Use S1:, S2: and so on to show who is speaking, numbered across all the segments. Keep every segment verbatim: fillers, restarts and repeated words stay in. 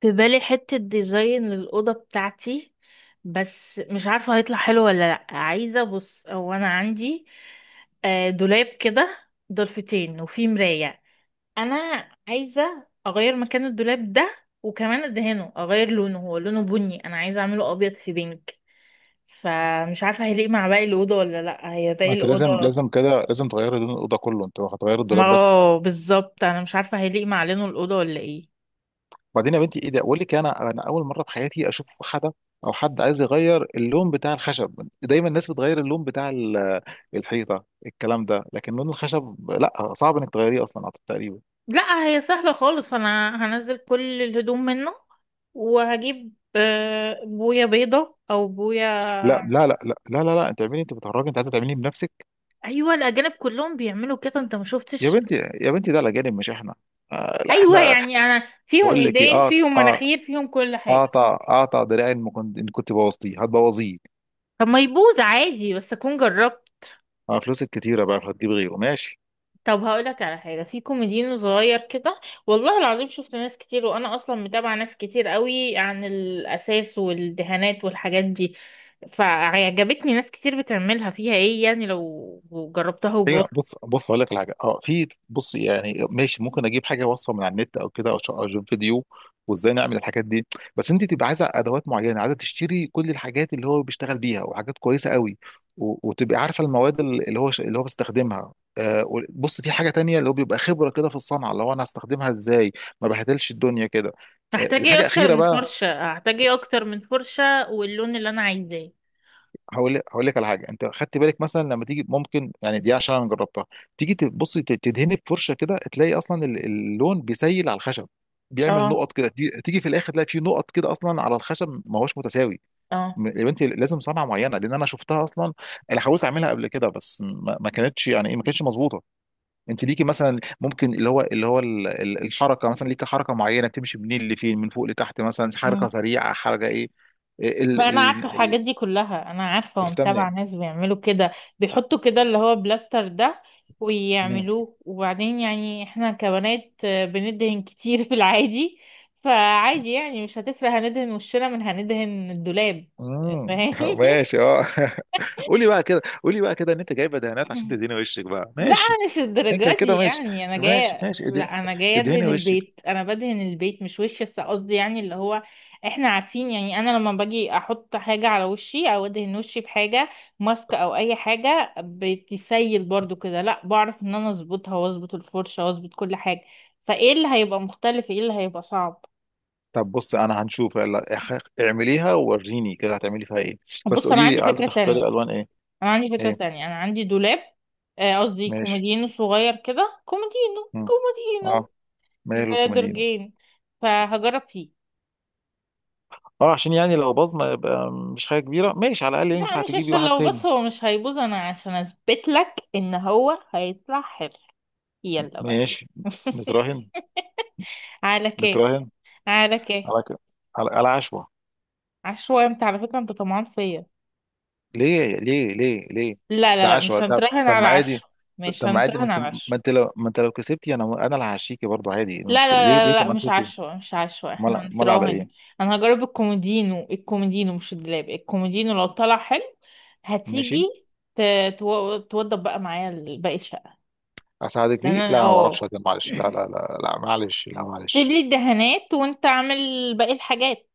S1: في بالي حتة ديزاين للأوضة بتاعتي. بس مش عارفة هيطلع حلو ولا لأ. عايزة بص، هو أنا عندي آه، دولاب كده ضلفتين وفيه مراية. أنا عايزة أغير مكان الدولاب ده، وكمان أدهنه أغير لونه. هو لونه بني، أنا عايزة أعمله أبيض في بينك. فمش عارفة هيليق مع باقي الأوضة ولا لأ. هي
S2: ما
S1: باقي
S2: انت لازم،
S1: الأوضة،
S2: لازم كده لازم تغيري لون الاوضه كله. انت هتغير
S1: ما
S2: الدولاب بس؟
S1: اه بالظبط، أنا مش عارفة هيليق مع لونه الأوضة ولا ايه.
S2: بعدين يا بنتي، ايه ده؟ اقول لك، انا انا اول مره في حياتي اشوف حدا او حد عايز يغير اللون بتاع الخشب. دايما الناس بتغير اللون بتاع ال- الحيطه، الكلام ده، لكن لون الخشب لا، صعب انك تغيريه اصلا، أعتقد تقريبا.
S1: لا هي سهلة خالص، انا هنزل كل الهدوم منه، وهجيب آه، بوية بيضة او بوية.
S2: لا لا لا لا لا لا, لا. انت اعملي؟ انت بتهرجي؟ انت عايزه تعمليه بنفسك؟
S1: ايوه الاجانب كلهم بيعملوا كده، انت ما
S2: يا
S1: شفتش؟
S2: بنتي، يا بنتي، ده الاجانب مش احنا. آه لا،
S1: ايوه
S2: احنا.
S1: يعني انا فيهم،
S2: بقول لك ايه،
S1: ايدين
S2: اقطع.
S1: فيهم،
S2: آه
S1: مناخير فيهم، كل حاجة.
S2: اقطع، اقطع دراعي ان كنت، إن كنت بوظتيه هتبوظيه.
S1: طب ما يبوظ عادي، بس اكون جربت.
S2: آه، فلوسك كتيره بقى، هتجيب غيره؟ ماشي.
S1: طب هقولك على حاجة، في كوميديان صغير كده، والله العظيم شفت ناس كتير، وأنا أصلا متابعة ناس كتير قوي عن الأساس والدهانات والحاجات دي. فعجبتني ناس كتير بتعملها. فيها ايه يعني لو جربتها
S2: ايوه،
S1: وبص؟
S2: بص، بص اقول لك على حاجه. اه في، بص يعني، ماشي. ممكن اجيب حاجه، وصفه من على النت او كده، او ش- أو أجيب فيديو وازاي نعمل الحاجات دي. بس انت تبقى عايزه ادوات معينه، عايزه تشتري كل الحاجات اللي هو بيشتغل بيها وحاجات كويسه قوي. و- وتبقى عارفه المواد، ال- اللي هو، ش- اللي هو بيستخدمها. آه و- بص، في حاجه تانية، اللي هو بيبقى خبره كده في الصنعه، اللي هو انا هستخدمها ازاي، ما بهدلش الدنيا كده. آه
S1: هحتاج ايه
S2: الحاجه
S1: أكتر
S2: الاخيره
S1: من
S2: بقى،
S1: فرشة؟ هحتاج ايه أكتر من فرشة واللون اللي أنا عايزاه.
S2: هقول هقول لك على حاجه. انت خدت بالك مثلا لما تيجي، ممكن يعني، دي عشان انا جربتها. تيجي تبص، ت- تدهني بفرشه كده، تلاقي اصلا ال- اللون بيسيل على الخشب، بيعمل
S1: اه.
S2: نقط كده. تي- تيجي في الاخر، تلاقي في نقط كده اصلا على الخشب، ما هوش متساوي.
S1: اه.
S2: م- يا بنتي، لازم صنعه معينه، لان انا شفتها اصلا. انا حاولت اعملها قبل كده، بس ما ما كانتش يعني ايه، ما كانتش مظبوطه. انت ليكي مثلا، ممكن اللي هو اللي هو ال- ال- الحركه مثلا، ليكي حركه معينه، بتمشي منين لفين، من فوق لتحت مثلا، حركه
S1: مم.
S2: سريعه، حركه ايه. إيه
S1: ما
S2: ال
S1: انا
S2: ال
S1: عارفه
S2: ال
S1: الحاجات دي كلها، انا عارفه
S2: عرفتها
S1: ومتابعه
S2: منين؟
S1: ناس بيعملوا كده. بيحطوا كده اللي هو بلاستر ده، ويعملوه، وبعدين يعني احنا كبنات آه، بندهن كتير في العادي. فعادي يعني مش هتفرق، هندهن وشنا من هندهن الدولاب.
S2: امم
S1: فاهمني؟
S2: ماشي، اه. قولي بقى كده قولي بقى كده ان انت جايبه دهانات عشان تدهني وشك بقى.
S1: لا
S2: ماشي.
S1: أنا مش
S2: انت
S1: الدرجات دي
S2: كده ماشي،
S1: يعني. انا
S2: ماشي
S1: جايه،
S2: ماشي، اد-
S1: لا انا جايه
S2: ادهني
S1: ادهن
S2: وشك.
S1: البيت، انا بدهن البيت مش وشي، بس قصدي يعني اللي هو احنا عارفين يعني. انا لما باجي احط حاجه على وشي او ادهن وشي بحاجه ماسك او اي حاجه، بتسيل برضو كده. لا بعرف ان انا اظبطها، واظبط الفرشه، واظبط كل حاجه. فايه اللي هيبقى مختلف؟ ايه اللي هيبقى صعب؟
S2: طب بص، انا هنشوف، يلا اخ- اعمليها ووريني كده، هتعملي فيها ايه. بس
S1: بص انا
S2: قولي
S1: عندي
S2: لي، عايزه
S1: فكره تانية.
S2: تختاري الوان ايه؟
S1: انا عندي فكره
S2: ايه؟
S1: تانية، انا عندي دولاب، آه، قصدي
S2: ماشي.
S1: كومودينو صغير كده، كومودينو
S2: مم.
S1: كومودينو.
S2: اه، مايل
S1: بقدر
S2: وكوميدينو.
S1: جين، فهجرب فيه.
S2: اه، عشان يعني لو باظ ما يبقى مش حاجه كبيره، ماشي، على الاقل
S1: لا
S2: ينفع
S1: مش
S2: تجيبي
S1: عشان
S2: واحد
S1: لو،
S2: تاني.
S1: بس هو مش هيبوظ، انا عشان اثبت لك ان هو هيطلع حلو. يلا بقى.
S2: ماشي. نتراهن
S1: على كيه؟
S2: نتراهن
S1: على كيه؟
S2: على كده. على على عشوة.
S1: عشوائي؟ انت على فكرة انت طمعان فيا.
S2: ليه ليه ليه ليه؟
S1: لا لا
S2: ده
S1: لا،
S2: عشوة.
S1: مش
S2: طب
S1: هنتراهن
S2: طب،
S1: على
S2: ما عادي.
S1: عشوة. مش
S2: طب ما عادي، ما
S1: هنتراهن
S2: انت،
S1: على عشوة.
S2: ما انت لو ما انت لو كسبتي، انا انا اللي هعشيكي برضه، عادي. إيه
S1: لا لا
S2: المشكله؟ ليه
S1: لا
S2: ليه؟
S1: لا
S2: طب
S1: لا،
S2: ما
S1: مش
S2: انت كده.
S1: عشوة، مش عشوة، احنا
S2: مال، مال على
S1: هنتراهن.
S2: ايه؟
S1: انا هجرب الكومودينو، الكومودينو مش الدولاب، الكومودينو. لو طلع حلو هتيجي
S2: ماشي،
S1: ت- تو- توضب بقى معايا باقي الشقة.
S2: اساعدك
S1: ده
S2: فيه.
S1: انا
S2: لا ما بعرفش،
S1: اه،
S2: أهزر، معلش. لا لا لا لا، معلش. لا،
S1: سيب
S2: معلش.
S1: لي الدهانات وانت اعمل باقي الحاجات.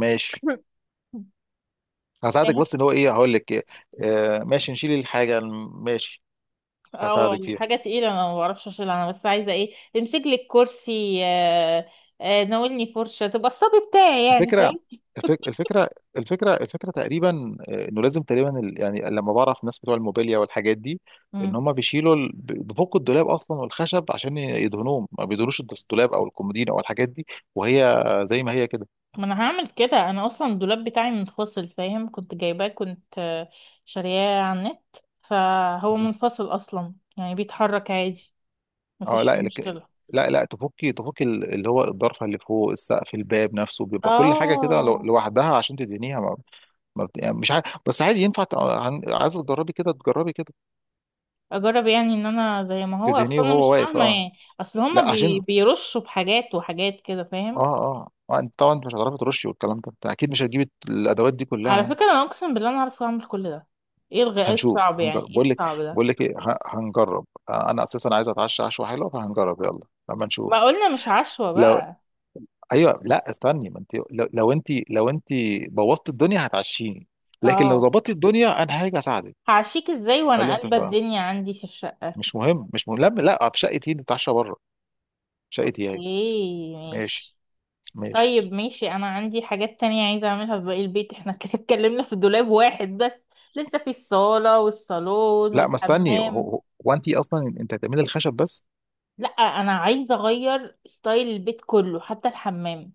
S2: ماشي، هساعدك.
S1: فاهم.
S2: بس ان هو ايه، هقول لك إيه. آه ماشي، نشيل الحاجه. ماشي،
S1: اه
S2: هساعدك فيها.
S1: الحاجة تقيلة، انا ما بعرفش اشيلها، انا بس عايزة ايه تمسك لي الكرسي آه، آه، ناولني فرشة، تبقى الصبي بتاعي يعني،
S2: الفكرة
S1: فاهم.
S2: الفك- الفكرة الفكرة الفكرة تقريبا، آه، انه لازم تقريبا ال- يعني، لما بعرف الناس بتوع الموبيليا والحاجات دي، ان
S1: مم.
S2: هم بيشيلوا ال- بيفكوا الدولاب اصلا والخشب عشان يدهنوهم، ما بيدهنوش الدولاب او الكومودين او الحاجات دي، وهي زي ما هي كده.
S1: ما انا هعمل كده. انا اصلا الدولاب بتاعي منفصل، فاهم، كنت جايباه، كنت آه، شارياه على النت. فهو منفصل اصلا يعني بيتحرك عادي،
S2: اه
S1: مفيش فيه
S2: لا لك-
S1: مشكلة.
S2: لا لا، تفكي، تفكي ال- اللي هو الضرفه اللي فوق السقف، الباب نفسه، بيبقى كل حاجه كده لو-
S1: اه.
S2: لوحدها عشان تدهنيها، ما ما بت- يعني مش عارف، بس عادي ينفع ت- عن- عايز تجربي كده، تجربي كده،
S1: اجرب يعني، ان انا زي ما هو
S2: تدهنيه
S1: اصلا انا
S2: وهو
S1: مش
S2: واقف.
S1: فاهمه
S2: اه
S1: يعني. اصل هما
S2: لا،
S1: بي...
S2: عشان،
S1: بيرشوا بحاجات وحاجات كده،
S2: اه
S1: فاهم.
S2: اه آه، انت طبعا انت مش هتعرفي ترشي والكلام ده، انت اكيد مش هتجيبي الادوات دي كلها
S1: على
S2: يعني.
S1: فكره انا اقسم بالله انا عارفه اعمل كل ده. ايه الغ... ايه
S2: هنشوف،
S1: الصعب يعني؟
S2: هنجرب،
S1: ايه
S2: بقول لك
S1: الصعب ده؟
S2: بقول لك ايه، ه- هنجرب. آه، انا اساسا عايز اتعشى عشوه حلوه، فهنجرب يلا لما نشوف.
S1: ما قلنا مش عشوه
S2: لو
S1: بقى.
S2: ايوه، لا استني. ما انت لو، لو انت لو انت بوظت الدنيا هتعشيني، لكن لو
S1: اه.
S2: ظبطت الدنيا انا هاجي اساعدك.
S1: هعشيك ازاي وانا
S2: خليها
S1: قلبه
S2: تفهم.
S1: الدنيا عندي في الشقه؟
S2: مش مهم، مش مهم. لا لا، في شقتي نتعشى بره. شقتي
S1: اوكي
S2: اهي. ماشي.
S1: ماشي.
S2: ماشي.
S1: طيب ماشي، انا عندي حاجات تانية عايزه اعملها في باقي البيت. احنا كده اتكلمنا في دولاب واحد بس، لسه في الصاله والصالون
S2: لا ما، استني. هو,
S1: والحمام.
S2: هو، هو انت اصلا انت هتعملي الخشب بس؟
S1: لا انا عايزه اغير ستايل البيت كله حتى الحمام.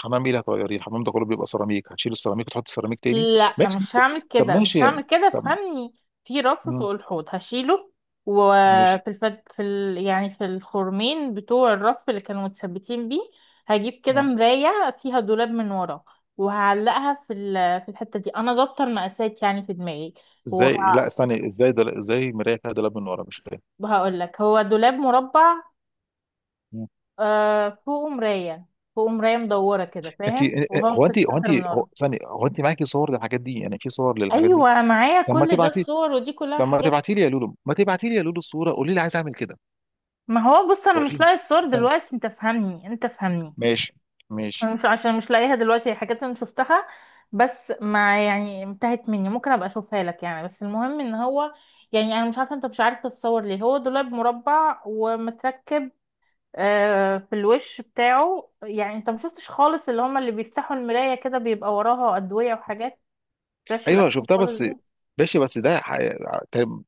S2: حمام ايه اللي هتغيريه؟ الحمام ده كله بيبقى سيراميك، هتشيل السيراميك وتحط سيراميك تاني؟
S1: لا
S2: ماشي.
S1: مش هعمل
S2: طب
S1: كده، مش
S2: ماشي.
S1: هعمل كده،
S2: طب.
S1: فهمني. في رف
S2: مم.
S1: فوق الحوض هشيله،
S2: ماشي.
S1: وفي الفت... في ال... يعني في الخرمين بتوع الرف اللي كانوا متثبتين بيه، هجيب كده
S2: آه.
S1: مرايه فيها دولاب من ورا، وهعلقها في ال... في الحته دي، انا ظابطه المقاسات يعني في دماغي. وه...
S2: ازاي؟ لا استني، ازاي ده؟ ازاي مرايه فيها دولاب من ورا؟ مش فاهم.
S1: وهقول لك، هو دولاب مربع،
S2: مم.
S1: آه فوقه مرايه. فوقه مرايه مدوره كده،
S2: انت
S1: فاهم، وهو
S2: هو
S1: في
S2: انت هو انت
S1: السنتر من
S2: هو
S1: ورا.
S2: استني، هو انت معاكي صور للحاجات دي يعني، في صور للحاجات دي؟
S1: ايوه معايا
S2: طب ما
S1: كل ده،
S2: تبعتي
S1: الصور ودي كلها
S2: طب ما
S1: حاجات.
S2: تبعتي لي يا لولو، ما تبعتي لي يا لولو الصوره، قولي لي عايز اعمل كده.
S1: ما هو بص انا مش
S2: وريني،
S1: لاقي الصور
S2: استني.
S1: دلوقتي، انت فهمني، انت فهمني.
S2: ماشي. ماشي.
S1: أنا مش عشان مش لاقيها دلوقتي. هي حاجات انا شفتها بس ما يعني انتهت مني، ممكن ابقى اشوفها لك يعني. بس المهم ان هو يعني، انا مش عارفه انت مش عارف تتصور ليه. هو دولاب مربع ومتركب آه، في الوش بتاعه يعني. انت ما شفتش خالص اللي هما اللي بيفتحوا المرايه كده بيبقى وراها ادويه وحاجات؟ مش في
S2: ايوه
S1: الافلام
S2: شفتها،
S1: خالص
S2: بس
S1: دي؟
S2: ماشي، بس ده ح-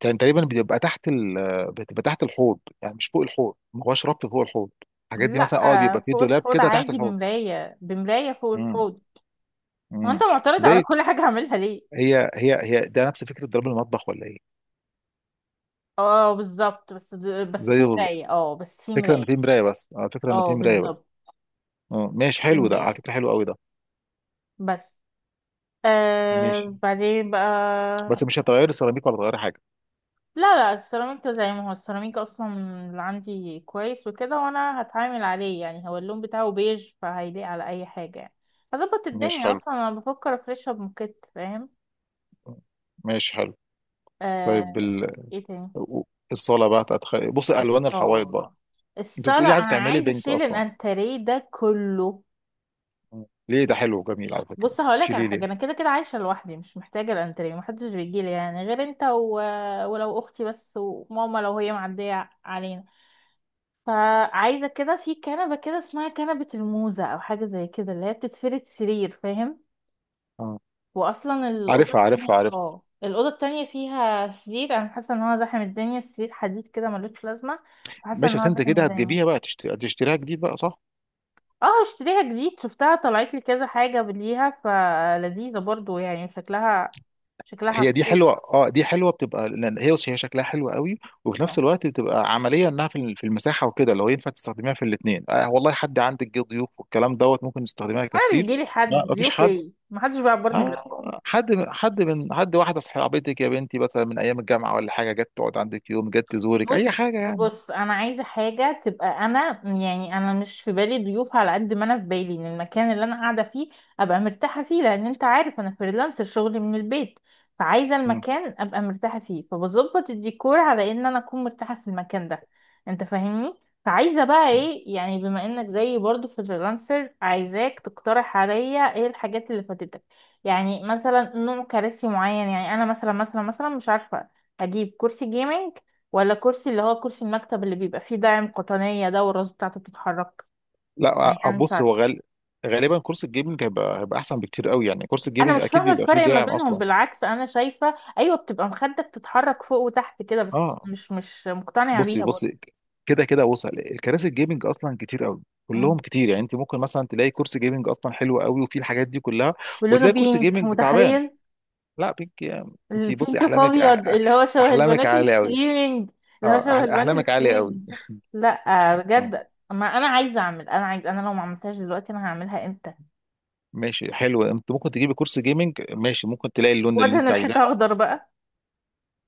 S2: كان تقريبا بيبقى تحت ال... بتبقى تحت الحوض، يعني مش فوق الحوض، ما هوش رف فوق الحوض. الحاجات دي
S1: لا
S2: مثلا، اه،
S1: آه،
S2: بيبقى فيه
S1: فوق
S2: دولاب
S1: الحوض
S2: كده تحت
S1: عادي،
S2: الحوض.
S1: بمرايه، بمرايه فوق
S2: امم
S1: الحوض. هو انت
S2: امم
S1: معترض
S2: زي،
S1: على كل حاجة هعملها ليه؟
S2: هي هي هي ده نفس فكره ضرب المطبخ، ولا ايه؟
S1: اه بالظبط، بس د- بس في
S2: زي بز-
S1: مراية، اه بس في
S2: فكره ان
S1: مراية.
S2: في مرايه بس. اه، فكره ان
S1: اه
S2: في مرايه بس.
S1: بالظبط.
S2: اه ماشي،
S1: في
S2: حلو ده، على
S1: مراية
S2: فكره حلو قوي ده.
S1: بس.
S2: ماشي.
S1: آه بعدين بقى.
S2: بس مش هتغير السيراميك ولا هتغير حاجه؟
S1: لا لا، السيراميك ده زي ما هو، السيراميك اصلا اللي عندي كويس وكده، وانا هتعامل عليه يعني. هو اللون بتاعه بيج، فهيليق على اي حاجة يعني. هظبط
S2: ماشي
S1: الدنيا.
S2: حلو.
S1: اصلا انا بفكر افرشها بموكيت، فاهم.
S2: ماشي حلو.
S1: آه.
S2: طيب ال...
S1: ايه تاني؟
S2: الصاله بقى هتتخ... بص، الوان الحوائط بقى.
S1: الصالة.
S2: انت بتقولي
S1: الصالة
S2: عايزه
S1: انا
S2: تعملي
S1: عايزة
S2: بينك
S1: اشيل
S2: اصلا؟
S1: الانتريه ده كله.
S2: آه. ليه؟ ده حلو وجميل على فكرة.
S1: بص هقولك على
S2: تشيلي
S1: حاجه، انا
S2: ليه؟
S1: كده كده عايشه لوحدي، مش محتاجه الانتريه، محدش بيجي لي يعني غير انت و... ولو اختي بس، وماما لو هي معديه علينا. فعايزه كده في كنبه كده اسمها كنبه الموزه او حاجه زي كده، اللي هي بتتفرد سرير، فاهم.
S2: اه،
S1: واصلا الاوضه
S2: عارفها عارفها
S1: التانية،
S2: عارفها.
S1: اه الاوضه التانية فيها سرير، انا حاسه ان هو زحم الدنيا. سرير حديد كده ملوش لازمه، حاسه
S2: ماشي
S1: ان
S2: بس
S1: هو
S2: انت
S1: زحم
S2: كده
S1: الدنيا.
S2: هتجيبيها بقى، تشت- هتشتريها جديد بقى، صح؟
S1: اه اشتريها جديد. شفتها طلعت لي كذا حاجه ليها، فلذيذه برضو يعني، شكلها، شكلها
S2: هي دي
S1: حلو.
S2: حلوة. اه، دي حلوة. بتبقى لان هي هي شكلها حلو قوي، وفي نفس
S1: اه.
S2: الوقت بتبقى عملية، انها في ال- في المساحة وكده، لو ينفع تستخدميها في الاثنين. آه والله، حد عندك جه ضيوف والكلام دوت، ممكن تستخدميها
S1: وانا
S2: كسرير.
S1: بيجي لي
S2: لا،
S1: حد
S2: مفيش
S1: ضيوف
S2: حد.
S1: ايه؟ محدش بيعبرني غيركم.
S2: آه، حد حد من حد، واحدة صاحبتك يا بنتي مثلا من ايام الجامعة ولا حاجة، جت تقعد عندك يوم، جت تزورك
S1: بص،
S2: اي حاجة يعني.
S1: بص انا عايزه حاجه تبقى، انا يعني انا مش في بالي ضيوف، على قد ما انا في بالي ان المكان اللي انا قاعده فيه ابقى مرتاحه فيه، لان انت عارف انا فريلانسر شغلي من البيت. فعايزه المكان ابقى مرتاحه فيه، فبظبط الديكور على ان انا اكون مرتاحه في المكان ده. انت فاهمني. فعايزه بقى
S2: مم.
S1: ايه يعني، بما انك زيي برضو فريلانسر، عايزاك تقترح عليا ايه الحاجات اللي فاتتك. يعني مثلا نوع كراسي معين. يعني انا مثلا مثلا مثلا مش عارفه، اجيب كرسي جيمنج، ولا كرسي اللي هو كرسي المكتب اللي بيبقى فيه داعم قطنية ده، والراس بتاعته بتتحرك، يعني
S2: لا أ-
S1: انا مش
S2: بص،
S1: عارفة.
S2: هو غال... غالبا كورس الجيمنج هيبقى، هيبقى احسن بكتير قوي، يعني كورس
S1: انا
S2: الجيمنج
S1: مش
S2: اكيد
S1: فاهمة
S2: بيبقى فيه
S1: الفرق ما
S2: داعم
S1: بينهم.
S2: اصلا.
S1: بالعكس انا شايفة ايوه بتبقى مخدة بتتحرك فوق وتحت كده، بس
S2: اه،
S1: مش مش مقتنعة
S2: بصي
S1: بيها برضه.
S2: بصي، كده كده وصل الكراسي الجيمنج اصلا كتير قوي، كلهم
S1: مم.
S2: كتير. يعني انت ممكن مثلا تلاقي كورس جيمنج اصلا حلو قوي وفيه الحاجات دي كلها،
S1: ولونه
S2: وتلاقي كورس
S1: بينك،
S2: جيمنج تعبان.
S1: متخيل؟
S2: لا، بيك. انت بصي،
S1: البينك في
S2: احلامك أح...
S1: ابيض،
S2: أح-
S1: اللي هو شبه
S2: احلامك
S1: البنات
S2: عاليه قوي.
S1: الستريمينج. اللي هو
S2: اه أح...
S1: شبه البنات
S2: احلامك عاليه قوي.
S1: الستريمينج. لا
S2: آه،
S1: بجد، ما انا عايزة اعمل. انا عايز، انا لو ما عملتهاش دلوقتي انا هعملها امتى؟
S2: ماشي، حلو. انت ممكن تجيبي كورس جيمنج ماشي، ممكن تلاقي اللون اللي
S1: وادهن
S2: انت عايزاه.
S1: الحيطة اخضر بقى.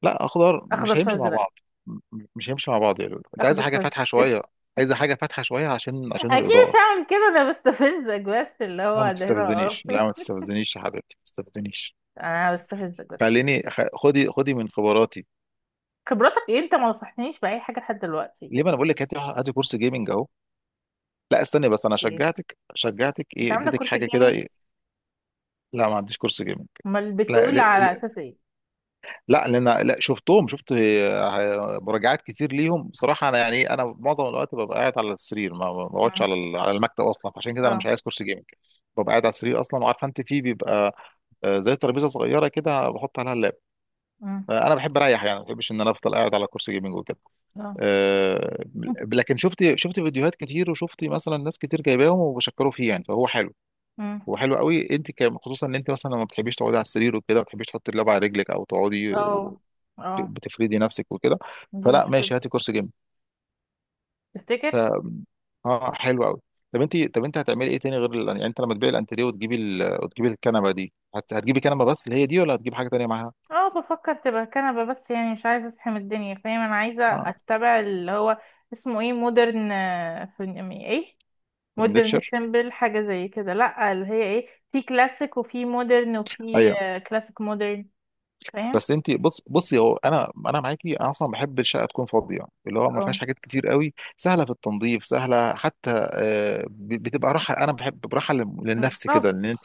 S2: لا، اخضر
S1: اخضر
S2: مش هيمشي مع
S1: فازرق.
S2: بعض. م- م- مش هيمشي مع بعض يا لولو، انت
S1: اخضر
S2: عايزه حاجه
S1: فازرق.
S2: فاتحه شويه. عايزه حاجه فاتحه شويه عشان، عشان
S1: اكيد مش
S2: الاضاءه.
S1: هعمل كده، انا بستفزك بس، اللي
S2: لا ما
S1: هو ده هنا
S2: تستفزنيش،
S1: وقف.
S2: لا ما تستفزنيش يا حبيبتي، ما تستفزنيش.
S1: انا بستفزك بس.
S2: خليني، خ- خدي خدي من خبراتي.
S1: خبرتك ايه؟ انت ما نصحتنيش باي حاجه لحد دلوقتي.
S2: ليه؟ ما انا بقول لك هاتي هاتي كورس جيمنج اهو. لا استني بس، انا
S1: اوكي.
S2: شجعتك؟ شجعتك
S1: انت
S2: ايه؟
S1: عندك
S2: اديتك
S1: كرة
S2: حاجه كده،
S1: الجيمنج؟
S2: ايه؟ لا، ما عنديش كورس جيمنج.
S1: امال
S2: لا،
S1: بتقول على اساس ايه؟
S2: لا لان انا، لا، شفتهم، شفت آه، مراجعات كتير ليهم بصراحه. انا يعني إيه، انا معظم الوقت ببقى قاعد على السرير، ما ما بقعدش على
S1: مم.
S2: ال- على المكتب اصلا، فعشان كده انا مش
S1: اه.
S2: عايز كرسي جيمنج. ببقى قاعد على السرير اصلا، وعارفه انت فيه بيبقى آه، زي ترابيزه صغيره كده بحط عليها اللاب.
S1: مم.
S2: آه، انا بحب اريح يعني، ما بحبش ان انا افضل قاعد على كرسي جيمنج وكده.
S1: اه.
S2: آه، لكن شفت، شفت فيديوهات كتير، وشفت مثلا ناس كتير جايباهم وبشكروا فيه يعني، فهو حلو،
S1: مم.
S2: وحلو قوي انت كم، خصوصا ان انت مثلا لما بتحبيش تقعدي على السرير وكده، ما بتحبيش تحطي اللعبه على رجلك او تقعدي و-
S1: اه. اه.
S2: بتفردي نفسك وكده.
S1: دي
S2: فلا
S1: مشكله.
S2: ماشي، هاتي كرسي جيم.
S1: تفتكر؟
S2: ف اه، حلو قوي. طب انت، طب انت هتعملي ايه تاني غير ال... يعني، انت لما تبيعي الانتريه وتجيبي ال... وتجيبي الكنبه دي، هت... هتجيبي كنبه بس اللي هي دي، ولا هتجيبي حاجه تانيه معاها؟
S1: اه بفكر تبقى كنبه بس، يعني مش عايزه اصحى من الدنيا، فاهم، انا عايزه
S2: اه،
S1: اتبع اللي هو اسمه ايه، مودرن. في ايه، مودرن
S2: فرنتشر.
S1: سيمبل، حاجة زي كده. لا اللي هي ايه، في كلاسيك وفي مودرن وفي
S2: ايوه.
S1: آه، كلاسيك مودرن، فاهم.
S2: بس انت بص، بصي هو، انا، انا معاكي، انا اصلا بحب الشقه تكون فاضيه، اللي هو ما
S1: اه
S2: فيهاش حاجات كتير قوي، سهله في التنظيف، سهله حتى. آه، ب- بتبقى راحه، انا بحب براحه لل- للنفس كده
S1: بالظبط.
S2: ان انت،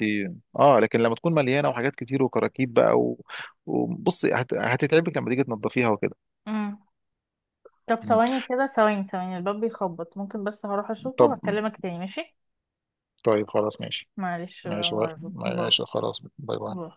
S2: اه، لكن لما تكون مليانه وحاجات كتير وكراكيب بقى و- وبصي، هت- هتتعبك لما تيجي تنظفيها وكده.
S1: مم. طب
S2: مم.
S1: ثواني كده، ثواني ثواني، الباب بيخبط، ممكن بس هروح اشوفه
S2: طب.
S1: وهكلمك تاني، ماشي.
S2: طيب خلاص ماشي.
S1: معلش
S2: ماشي، باي-
S1: بقى، باي.
S2: ماشي خلاص، باي
S1: باي.
S2: باي.